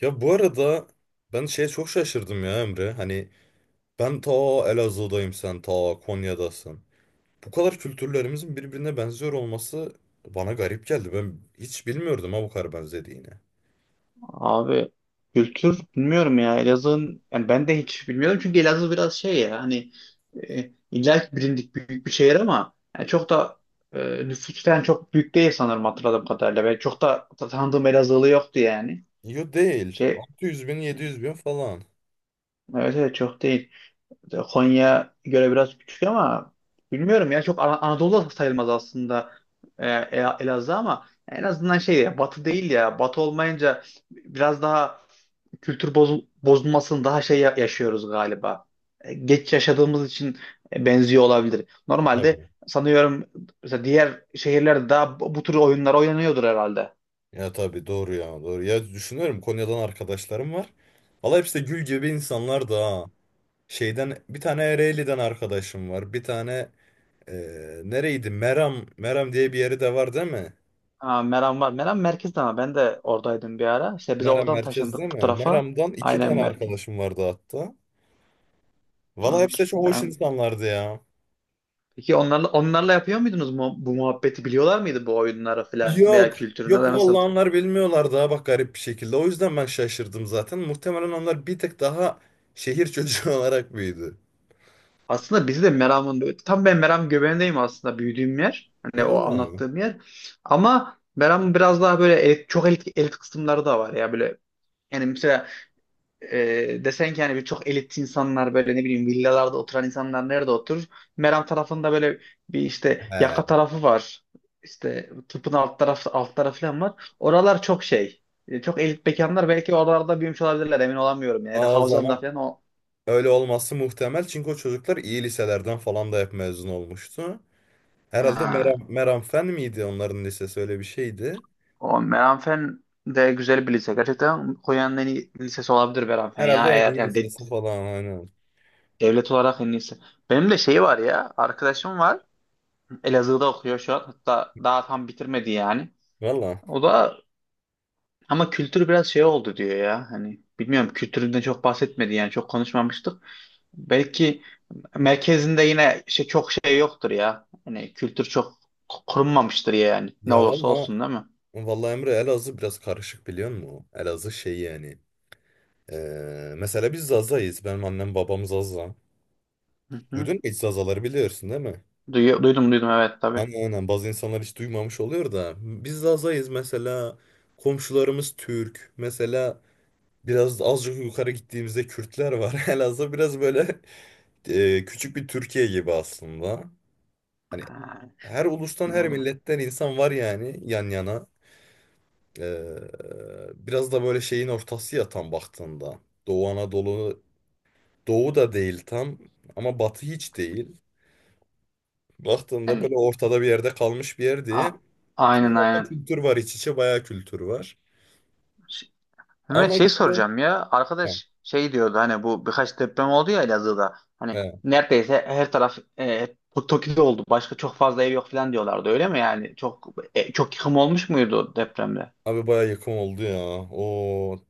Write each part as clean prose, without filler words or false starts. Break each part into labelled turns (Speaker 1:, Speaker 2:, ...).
Speaker 1: Ya bu arada ben şeye çok şaşırdım ya Emre. Hani ben ta Elazığ'dayım, sen ta Konya'dasın. Bu kadar kültürlerimizin birbirine benziyor olması bana garip geldi. Ben hiç bilmiyordum ha, bu kadar benzediğini.
Speaker 2: Abi, kültür bilmiyorum ya Elazığ'ın, yani ben de hiç bilmiyorum çünkü Elazığ biraz şey ya hani, illa ki bilindik büyük bir şehir ama yani çok da e, nüfustan çok büyük değil sanırım hatırladığım kadarıyla. Ben çok da tanıdığım Elazığlı yoktu yani.
Speaker 1: Yo, değil.
Speaker 2: Şey
Speaker 1: 600 bin 700 bin falan.
Speaker 2: evet, evet, çok değil. Konya göre biraz küçük ama bilmiyorum ya çok Anadolu'da sayılmaz aslında, Elazığ ama en azından şey ya batı değil, ya batı olmayınca biraz daha kültür bozulmasını daha şey yaşıyoruz galiba. Geç yaşadığımız için benziyor olabilir. Normalde
Speaker 1: Tabii.
Speaker 2: sanıyorum, mesela diğer şehirlerde daha bu tür oyunlar oynanıyordur herhalde.
Speaker 1: Ya tabii, doğru ya, doğru. Ya düşünüyorum, Konya'dan arkadaşlarım var. Valla hepsi de gül gibi insanlar da ha. Şeyden bir tane Ereğli'den arkadaşım var. Bir tane nereydi? Meram. Meram diye bir yeri de var değil mi?
Speaker 2: Ha, Meram var. Meram merkezde ama ben de oradaydım bir ara. İşte biz
Speaker 1: Meram
Speaker 2: oradan
Speaker 1: merkez değil
Speaker 2: taşındık bu
Speaker 1: mi?
Speaker 2: tarafa.
Speaker 1: Meram'dan iki
Speaker 2: Aynen
Speaker 1: tane
Speaker 2: merkez.
Speaker 1: arkadaşım vardı hatta. Valla hepsi de
Speaker 2: Doğrudur.
Speaker 1: çok hoş
Speaker 2: Meram.
Speaker 1: insanlardı ya.
Speaker 2: Peki onlarla yapıyor muydunuz mu, bu muhabbeti biliyorlar mıydı, bu oyunları falan veya
Speaker 1: Yok.
Speaker 2: kültürünü
Speaker 1: Yok,
Speaker 2: de
Speaker 1: vallahi
Speaker 2: nasıl?
Speaker 1: onlar bilmiyorlardı, ha bak, garip bir şekilde. O yüzden ben şaşırdım zaten. Muhtemelen onlar bir tık daha şehir çocuğu olarak büyüdü.
Speaker 2: Aslında bizi de Meram'ın tam, ben Meram göbeğindeyim aslında büyüdüğüm yer. Hani o
Speaker 1: Vallahi mi?
Speaker 2: anlattığım yer. Ama Meram'ın biraz daha böyle çok elit, elit kısımları da var ya böyle, yani mesela desen ki yani bir çok elit insanlar böyle, ne bileyim, villalarda oturan insanlar nerede oturur? Meram tarafında böyle bir işte
Speaker 1: He.
Speaker 2: yaka tarafı var. İşte tıpın alt tarafı falan var. Oralar çok şey. Çok elit mekanlar, belki oralarda büyümüş olabilirler, emin olamıyorum yani. Ya da
Speaker 1: Aa, o
Speaker 2: Havzan'da
Speaker 1: zaman
Speaker 2: falan o.
Speaker 1: öyle olması muhtemel. Çünkü o çocuklar iyi liselerden falan da hep mezun olmuştu. Herhalde Meram,
Speaker 2: Ha.
Speaker 1: Meram Fen miydi onların lisesi, öyle bir şeydi.
Speaker 2: O Meranfen de güzel bir lise. Gerçekten Konya'nın en iyi lisesi olabilir Meranfen
Speaker 1: Herhalde
Speaker 2: ya.
Speaker 1: en
Speaker 2: Eğer
Speaker 1: iyi
Speaker 2: yani
Speaker 1: lisesi falan, aynen.
Speaker 2: devlet olarak en iyisi. Benim de şey var ya. Arkadaşım var. Elazığ'da okuyor şu an. Hatta daha tam bitirmedi yani.
Speaker 1: Valla.
Speaker 2: O da, ama kültür biraz şey oldu diyor ya. Hani bilmiyorum, kültüründen çok bahsetmedi yani, çok konuşmamıştık. Belki merkezinde yine şey çok şey yoktur ya. Hani kültür çok korunmamıştır yani. Ne
Speaker 1: Ya
Speaker 2: olursa
Speaker 1: valla
Speaker 2: olsun, değil mi?
Speaker 1: Vallahi Emre, Elazığ biraz karışık, biliyor musun? Elazığ şey yani. Mesela biz Zaza'yız. Benim annem babam Zaza.
Speaker 2: Hı hı.
Speaker 1: Duydun mu hiç Zazaları, biliyorsun değil mi?
Speaker 2: Duydum, evet, tabii.
Speaker 1: Aynen, aynen, bazı insanlar hiç duymamış oluyor da. Biz Zaza'yız mesela. Komşularımız Türk. Mesela biraz azıcık yukarı gittiğimizde Kürtler var. Elazığ biraz böyle küçük bir Türkiye gibi aslında. Hani
Speaker 2: Ha,
Speaker 1: her ulustan, her
Speaker 2: anladım.
Speaker 1: milletten insan var yani, yan yana. Ee, Biraz da böyle şeyin ortası ya, tam baktığında. Doğu Anadolu, Doğu da değil tam, ama Batı hiç değil. Baktığında böyle
Speaker 2: Yani
Speaker 1: ortada bir yerde kalmış bir yer diye.
Speaker 2: a-
Speaker 1: Çok
Speaker 2: aynen,
Speaker 1: fazla
Speaker 2: aynen.
Speaker 1: kültür var, iç içe bayağı kültür var.
Speaker 2: Ş- Mehmet,
Speaker 1: Ama
Speaker 2: şey
Speaker 1: işte,
Speaker 2: soracağım ya.
Speaker 1: he,
Speaker 2: Arkadaş şey diyordu, hani bu birkaç deprem oldu ya Elazığ'da. Hani
Speaker 1: he.
Speaker 2: neredeyse her taraf, Toki'de oldu. Başka çok fazla ev yok falan diyorlardı. Öyle mi yani? Çok, çok yıkım olmuş muydu depremde?
Speaker 1: Abi bayağı yakın oldu ya. O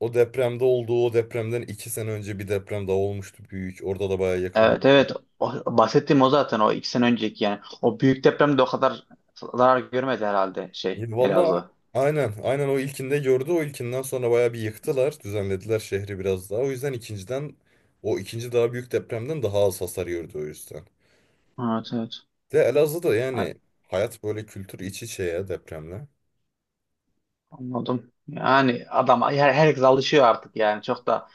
Speaker 1: o depremde oldu. O depremden 2 sene önce bir deprem daha olmuştu, büyük. Orada da bayağı yakın
Speaker 2: Evet,
Speaker 1: oldu.
Speaker 2: evet. O, bahsettiğim o zaten o 2 sene önceki yani. O büyük depremde o kadar zarar görmedi herhalde
Speaker 1: Ya
Speaker 2: şey
Speaker 1: valla,
Speaker 2: Elazığ.
Speaker 1: aynen, aynen, o ilkinde gördü, o ilkinden sonra bayağı bir yıktılar, düzenlediler şehri biraz daha, o yüzden ikinciden, o ikinci daha büyük depremden daha az hasar gördü, o yüzden.
Speaker 2: Evet, evet.
Speaker 1: De Elazığ'da
Speaker 2: Ay,
Speaker 1: yani hayat böyle, kültür iç içe ya, depremle.
Speaker 2: anladım. Yani adam, herkes alışıyor artık yani çok da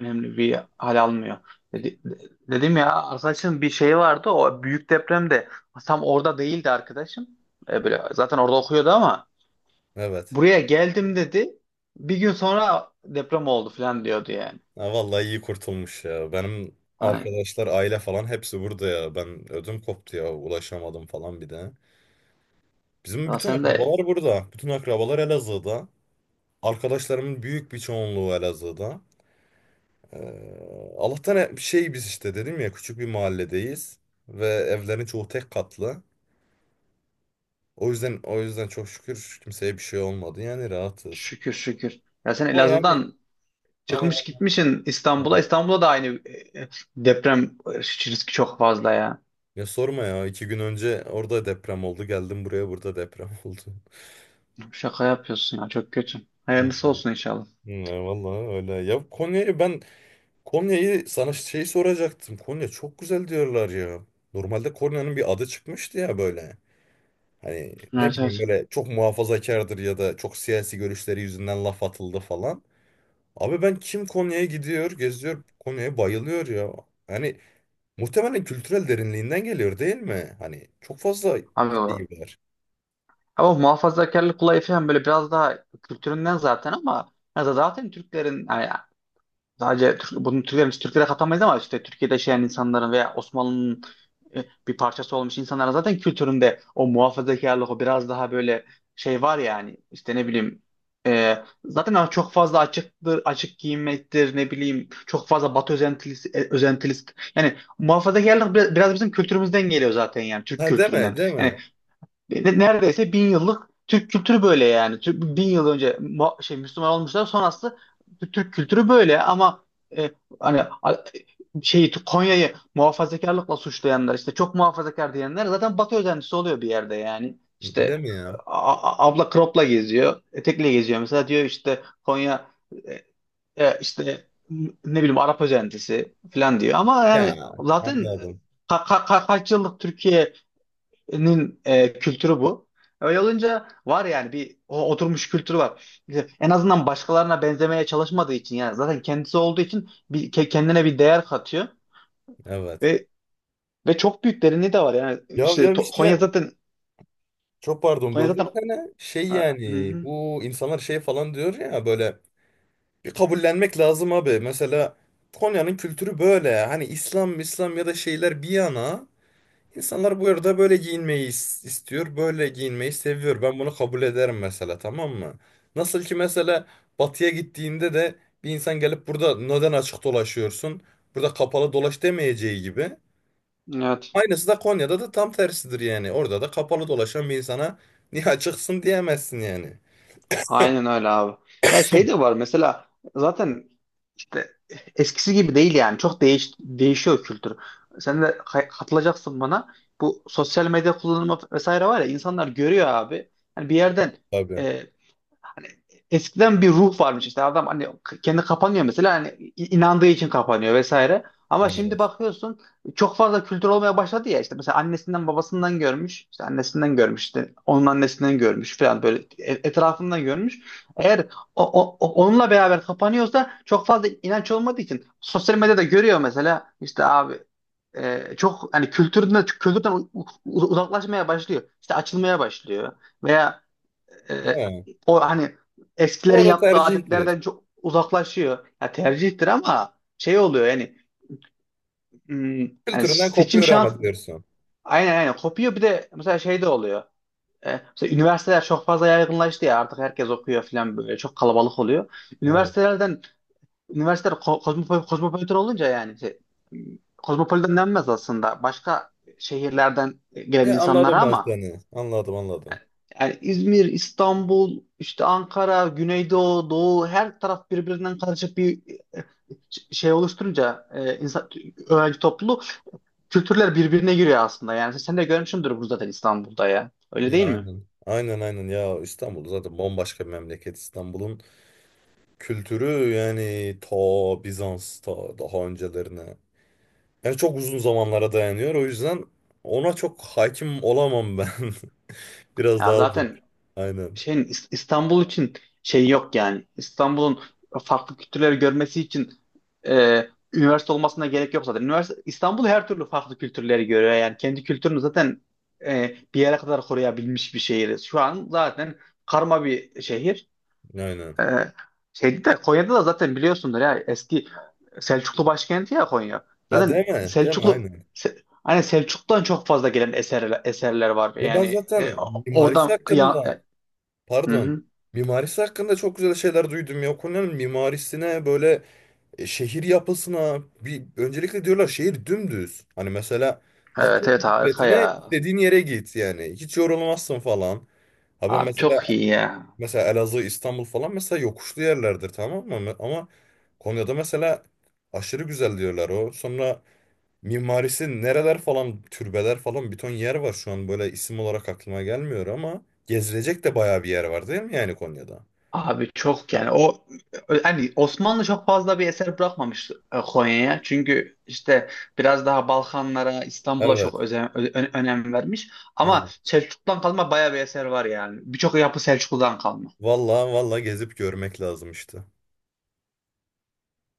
Speaker 2: önemli bir hal almıyor. Dedi- Dedim ya, arkadaşım bir şey vardı, o büyük depremde tam orada değildi arkadaşım. Böyle zaten orada okuyordu ama
Speaker 1: Evet.
Speaker 2: buraya geldim dedi. Bir gün sonra deprem oldu falan diyordu yani.
Speaker 1: Ha, vallahi iyi kurtulmuş ya, benim
Speaker 2: Hani
Speaker 1: arkadaşlar, aile falan hepsi burada ya, ben ödüm koptu ya, ulaşamadım falan bir de. Bizim
Speaker 2: ya
Speaker 1: bütün
Speaker 2: sen de,
Speaker 1: akrabalar burada, bütün akrabalar Elazığ'da, arkadaşlarımın büyük bir çoğunluğu Elazığ'da. Allah'tan biz işte, dedim ya, küçük bir mahalledeyiz ve evlerin çoğu tek katlı. O yüzden çok şükür kimseye bir şey olmadı. Yani rahatız.
Speaker 2: şükür şükür. Ya sen
Speaker 1: Ama yani
Speaker 2: Elazığ'dan
Speaker 1: ama
Speaker 2: çıkmış gitmişsin İstanbul'a.
Speaker 1: yani-
Speaker 2: İstanbul'da da aynı deprem riski çok fazla ya.
Speaker 1: Ya sorma ya, 2 gün önce orada deprem oldu, geldim buraya, burada deprem oldu.
Speaker 2: Şaka yapıyorsun ya, çok kötü.
Speaker 1: Hı,
Speaker 2: Hayırlısı olsun inşallah.
Speaker 1: hı. Vallahi öyle. Konya'yı sana şey soracaktım. Konya çok güzel diyorlar ya. Normalde Konya'nın bir adı çıkmıştı ya böyle. Hani ne
Speaker 2: Evet,
Speaker 1: bileyim,
Speaker 2: evet.
Speaker 1: böyle çok muhafazakardır ya da çok siyasi görüşleri yüzünden laf atıldı falan. Abi ben kim Konya'ya gidiyor, geziyor, Konya'ya bayılıyor ya. Hani muhtemelen kültürel derinliğinden geliyor değil mi? Hani çok fazla
Speaker 2: Abi,
Speaker 1: şey var.
Speaker 2: ama muhafazakarlık olayı falan böyle biraz daha kültüründen zaten, ama ya da zaten Türklerin yani, sadece Türk, bunu Türklerin Türklere katamayız ama işte Türkiye'de yaşayan insanların veya Osmanlı'nın bir parçası olmuş insanların zaten kültüründe o muhafazakarlık o biraz daha böyle şey var yani, işte ne bileyim, zaten çok fazla açıktır, açık giyinmektir, ne bileyim çok fazla Batı özentilisi, özentilisi, yani muhafazakarlık biraz bizim kültürümüzden geliyor zaten, yani Türk
Speaker 1: Ha, deme,
Speaker 2: kültüründen.
Speaker 1: deme.
Speaker 2: Yani neredeyse 1.000 yıllık Türk kültürü böyle yani. Türk, 1.000 yıl önce Müslüman olmuşlar sonrası Türk kültürü böyle ama e, hani, şeyi Konya'yı muhafazakarlıkla suçlayanlar işte çok muhafazakar diyenler zaten Batı özentisi oluyor bir yerde yani. İşte
Speaker 1: Deme ya.
Speaker 2: abla cropla geziyor, etekle geziyor. Mesela diyor işte Konya, işte ne bileyim Arap özentisi falan diyor. Ama yani
Speaker 1: Ya,
Speaker 2: zaten
Speaker 1: anladım.
Speaker 2: kaç yıllık Türkiye nin kültürü bu. Öyle olunca var yani, bir o oturmuş kültür var. İşte en azından başkalarına benzemeye çalışmadığı için yani zaten kendisi olduğu için bir, kendine bir değer katıyor
Speaker 1: Evet.
Speaker 2: ve ve çok büyük derinliği de var yani,
Speaker 1: Ya
Speaker 2: işte
Speaker 1: ya
Speaker 2: To-
Speaker 1: işte,
Speaker 2: Konya zaten
Speaker 1: çok pardon,
Speaker 2: Konya
Speaker 1: böldüm
Speaker 2: zaten
Speaker 1: seni. Şey
Speaker 2: Ha, hı
Speaker 1: yani,
Speaker 2: hı.
Speaker 1: bu insanlar şey falan diyor ya böyle. Bir kabullenmek lazım abi. Mesela Konya'nın kültürü böyle. Hani İslam, İslam ya da şeyler bir yana, insanlar bu arada böyle giyinmeyi istiyor. Böyle giyinmeyi seviyor. Ben bunu kabul ederim mesela, tamam mı? Nasıl ki mesela batıya gittiğinde de bir insan gelip "Burada neden açık dolaşıyorsun? Burada kapalı dolaş" demeyeceği gibi.
Speaker 2: Evet.
Speaker 1: Aynısı da Konya'da da tam tersidir yani. Orada da kapalı dolaşan bir insana "Niye açıksın?" diyemezsin yani.
Speaker 2: Aynen öyle abi. Ya şey de var mesela, zaten işte eskisi gibi değil yani, çok değişiyor kültür. Sen de katılacaksın bana. Bu sosyal medya kullanımı vesaire var ya, insanlar görüyor abi. Yani bir yerden,
Speaker 1: Tabii.
Speaker 2: eskiden bir ruh varmış işte, adam hani kendi kapanıyor mesela, hani inandığı için kapanıyor vesaire. Ama şimdi
Speaker 1: Evet.
Speaker 2: bakıyorsun çok fazla kültür olmaya başladı ya, işte mesela annesinden babasından görmüş, işte annesinden görmüş, işte onun annesinden görmüş falan böyle etrafından görmüş. Eğer onunla beraber kapanıyorsa, çok fazla inanç olmadığı için sosyal medyada görüyor mesela, işte abi çok hani kültürden uzaklaşmaya başlıyor, işte açılmaya başlıyor veya e,
Speaker 1: Ha.
Speaker 2: o hani
Speaker 1: O
Speaker 2: eskilerin
Speaker 1: da
Speaker 2: yaptığı
Speaker 1: tercihtir.
Speaker 2: adetlerden çok uzaklaşıyor. Ya tercihtir ama şey oluyor yani, hmm, yani
Speaker 1: Kültüründen
Speaker 2: seçim
Speaker 1: kopuyor ama,
Speaker 2: şans,
Speaker 1: diyorsun.
Speaker 2: aynen, aynen kopuyor. Bir de mesela şey de oluyor. Mesela üniversiteler çok fazla yaygınlaştı ya, artık herkes okuyor falan böyle çok kalabalık oluyor.
Speaker 1: Evet.
Speaker 2: Üniversitelerden Üniversiteler kozmopolitan olunca yani şey, hmm, kozmopolitan denmez aslında başka şehirlerden gelen
Speaker 1: Ya, anladım
Speaker 2: insanlara,
Speaker 1: ben
Speaker 2: ama
Speaker 1: seni. Anladım, anladım.
Speaker 2: yani İzmir, İstanbul, işte Ankara, Güneydoğu, Doğu, her taraf birbirinden karışık bir şey oluşturunca, insan, öğrenci topluluğu, kültürler birbirine giriyor aslında. Yani sen de görmüşsündür bunu zaten İstanbul'da ya. Öyle
Speaker 1: Ya,
Speaker 2: değil mi?
Speaker 1: aynen. Aynen, aynen ya, İstanbul zaten bambaşka bir memleket. İstanbul'un kültürü yani ta Bizans, ta daha öncelerine. Yani çok uzun zamanlara dayanıyor. O yüzden ona çok hakim olamam ben. Biraz
Speaker 2: Ya
Speaker 1: daha zor.
Speaker 2: zaten
Speaker 1: Aynen.
Speaker 2: şey İstanbul için şey yok yani. İstanbul'un farklı kültürleri görmesi için üniversite olmasına gerek yok zaten. Üniversite İstanbul her türlü farklı kültürleri görüyor yani. Kendi kültürünü zaten bir yere kadar koruyabilmiş bir şehir. Şu an zaten karma bir şehir.
Speaker 1: Aynen.
Speaker 2: E, Şeydi de Konya'da da zaten biliyorsundur ya, eski Selçuklu başkenti ya Konya.
Speaker 1: Ha,
Speaker 2: Zaten
Speaker 1: değil mi? Değil mi?
Speaker 2: Selçuklu.
Speaker 1: Aynen.
Speaker 2: Hani Selçuk'tan çok fazla gelen eserler var.
Speaker 1: Ya ben
Speaker 2: Yani
Speaker 1: zaten mimarisi
Speaker 2: oradan ya.
Speaker 1: hakkında,
Speaker 2: Hı
Speaker 1: pardon.
Speaker 2: hı.
Speaker 1: Mimarisi hakkında çok güzel şeyler duydum ya. Konya'nın mimarisine böyle, şehir yapısına bir, öncelikle diyorlar şehir dümdüz. Hani mesela atla
Speaker 2: Evet, evet, harika
Speaker 1: bisikletine,
Speaker 2: ya.
Speaker 1: istediğin yere git yani. Hiç yorulmazsın falan. Ha ben
Speaker 2: Abi
Speaker 1: mesela
Speaker 2: çok iyi ya.
Speaker 1: mesela Elazığ, İstanbul falan, mesela yokuşlu yerlerdir, tamam mı? Ama Konya'da mesela aşırı güzel diyorlar o. Sonra mimarisi nereler falan, türbeler falan, bir ton yer var şu an, böyle isim olarak aklıma gelmiyor ama gezilecek de bayağı bir yer var değil mi yani, Konya'da?
Speaker 2: Abi çok yani o hani, Osmanlı çok fazla bir eser bırakmamış Konya'ya. Çünkü işte biraz daha Balkanlara, İstanbul'a çok
Speaker 1: Evet.
Speaker 2: önem vermiş. Ama
Speaker 1: Evet.
Speaker 2: Selçuklu'dan kalma bayağı bir eser var yani. Birçok yapı Selçuklu'dan kalma.
Speaker 1: Vallahi vallahi gezip görmek lazım işte.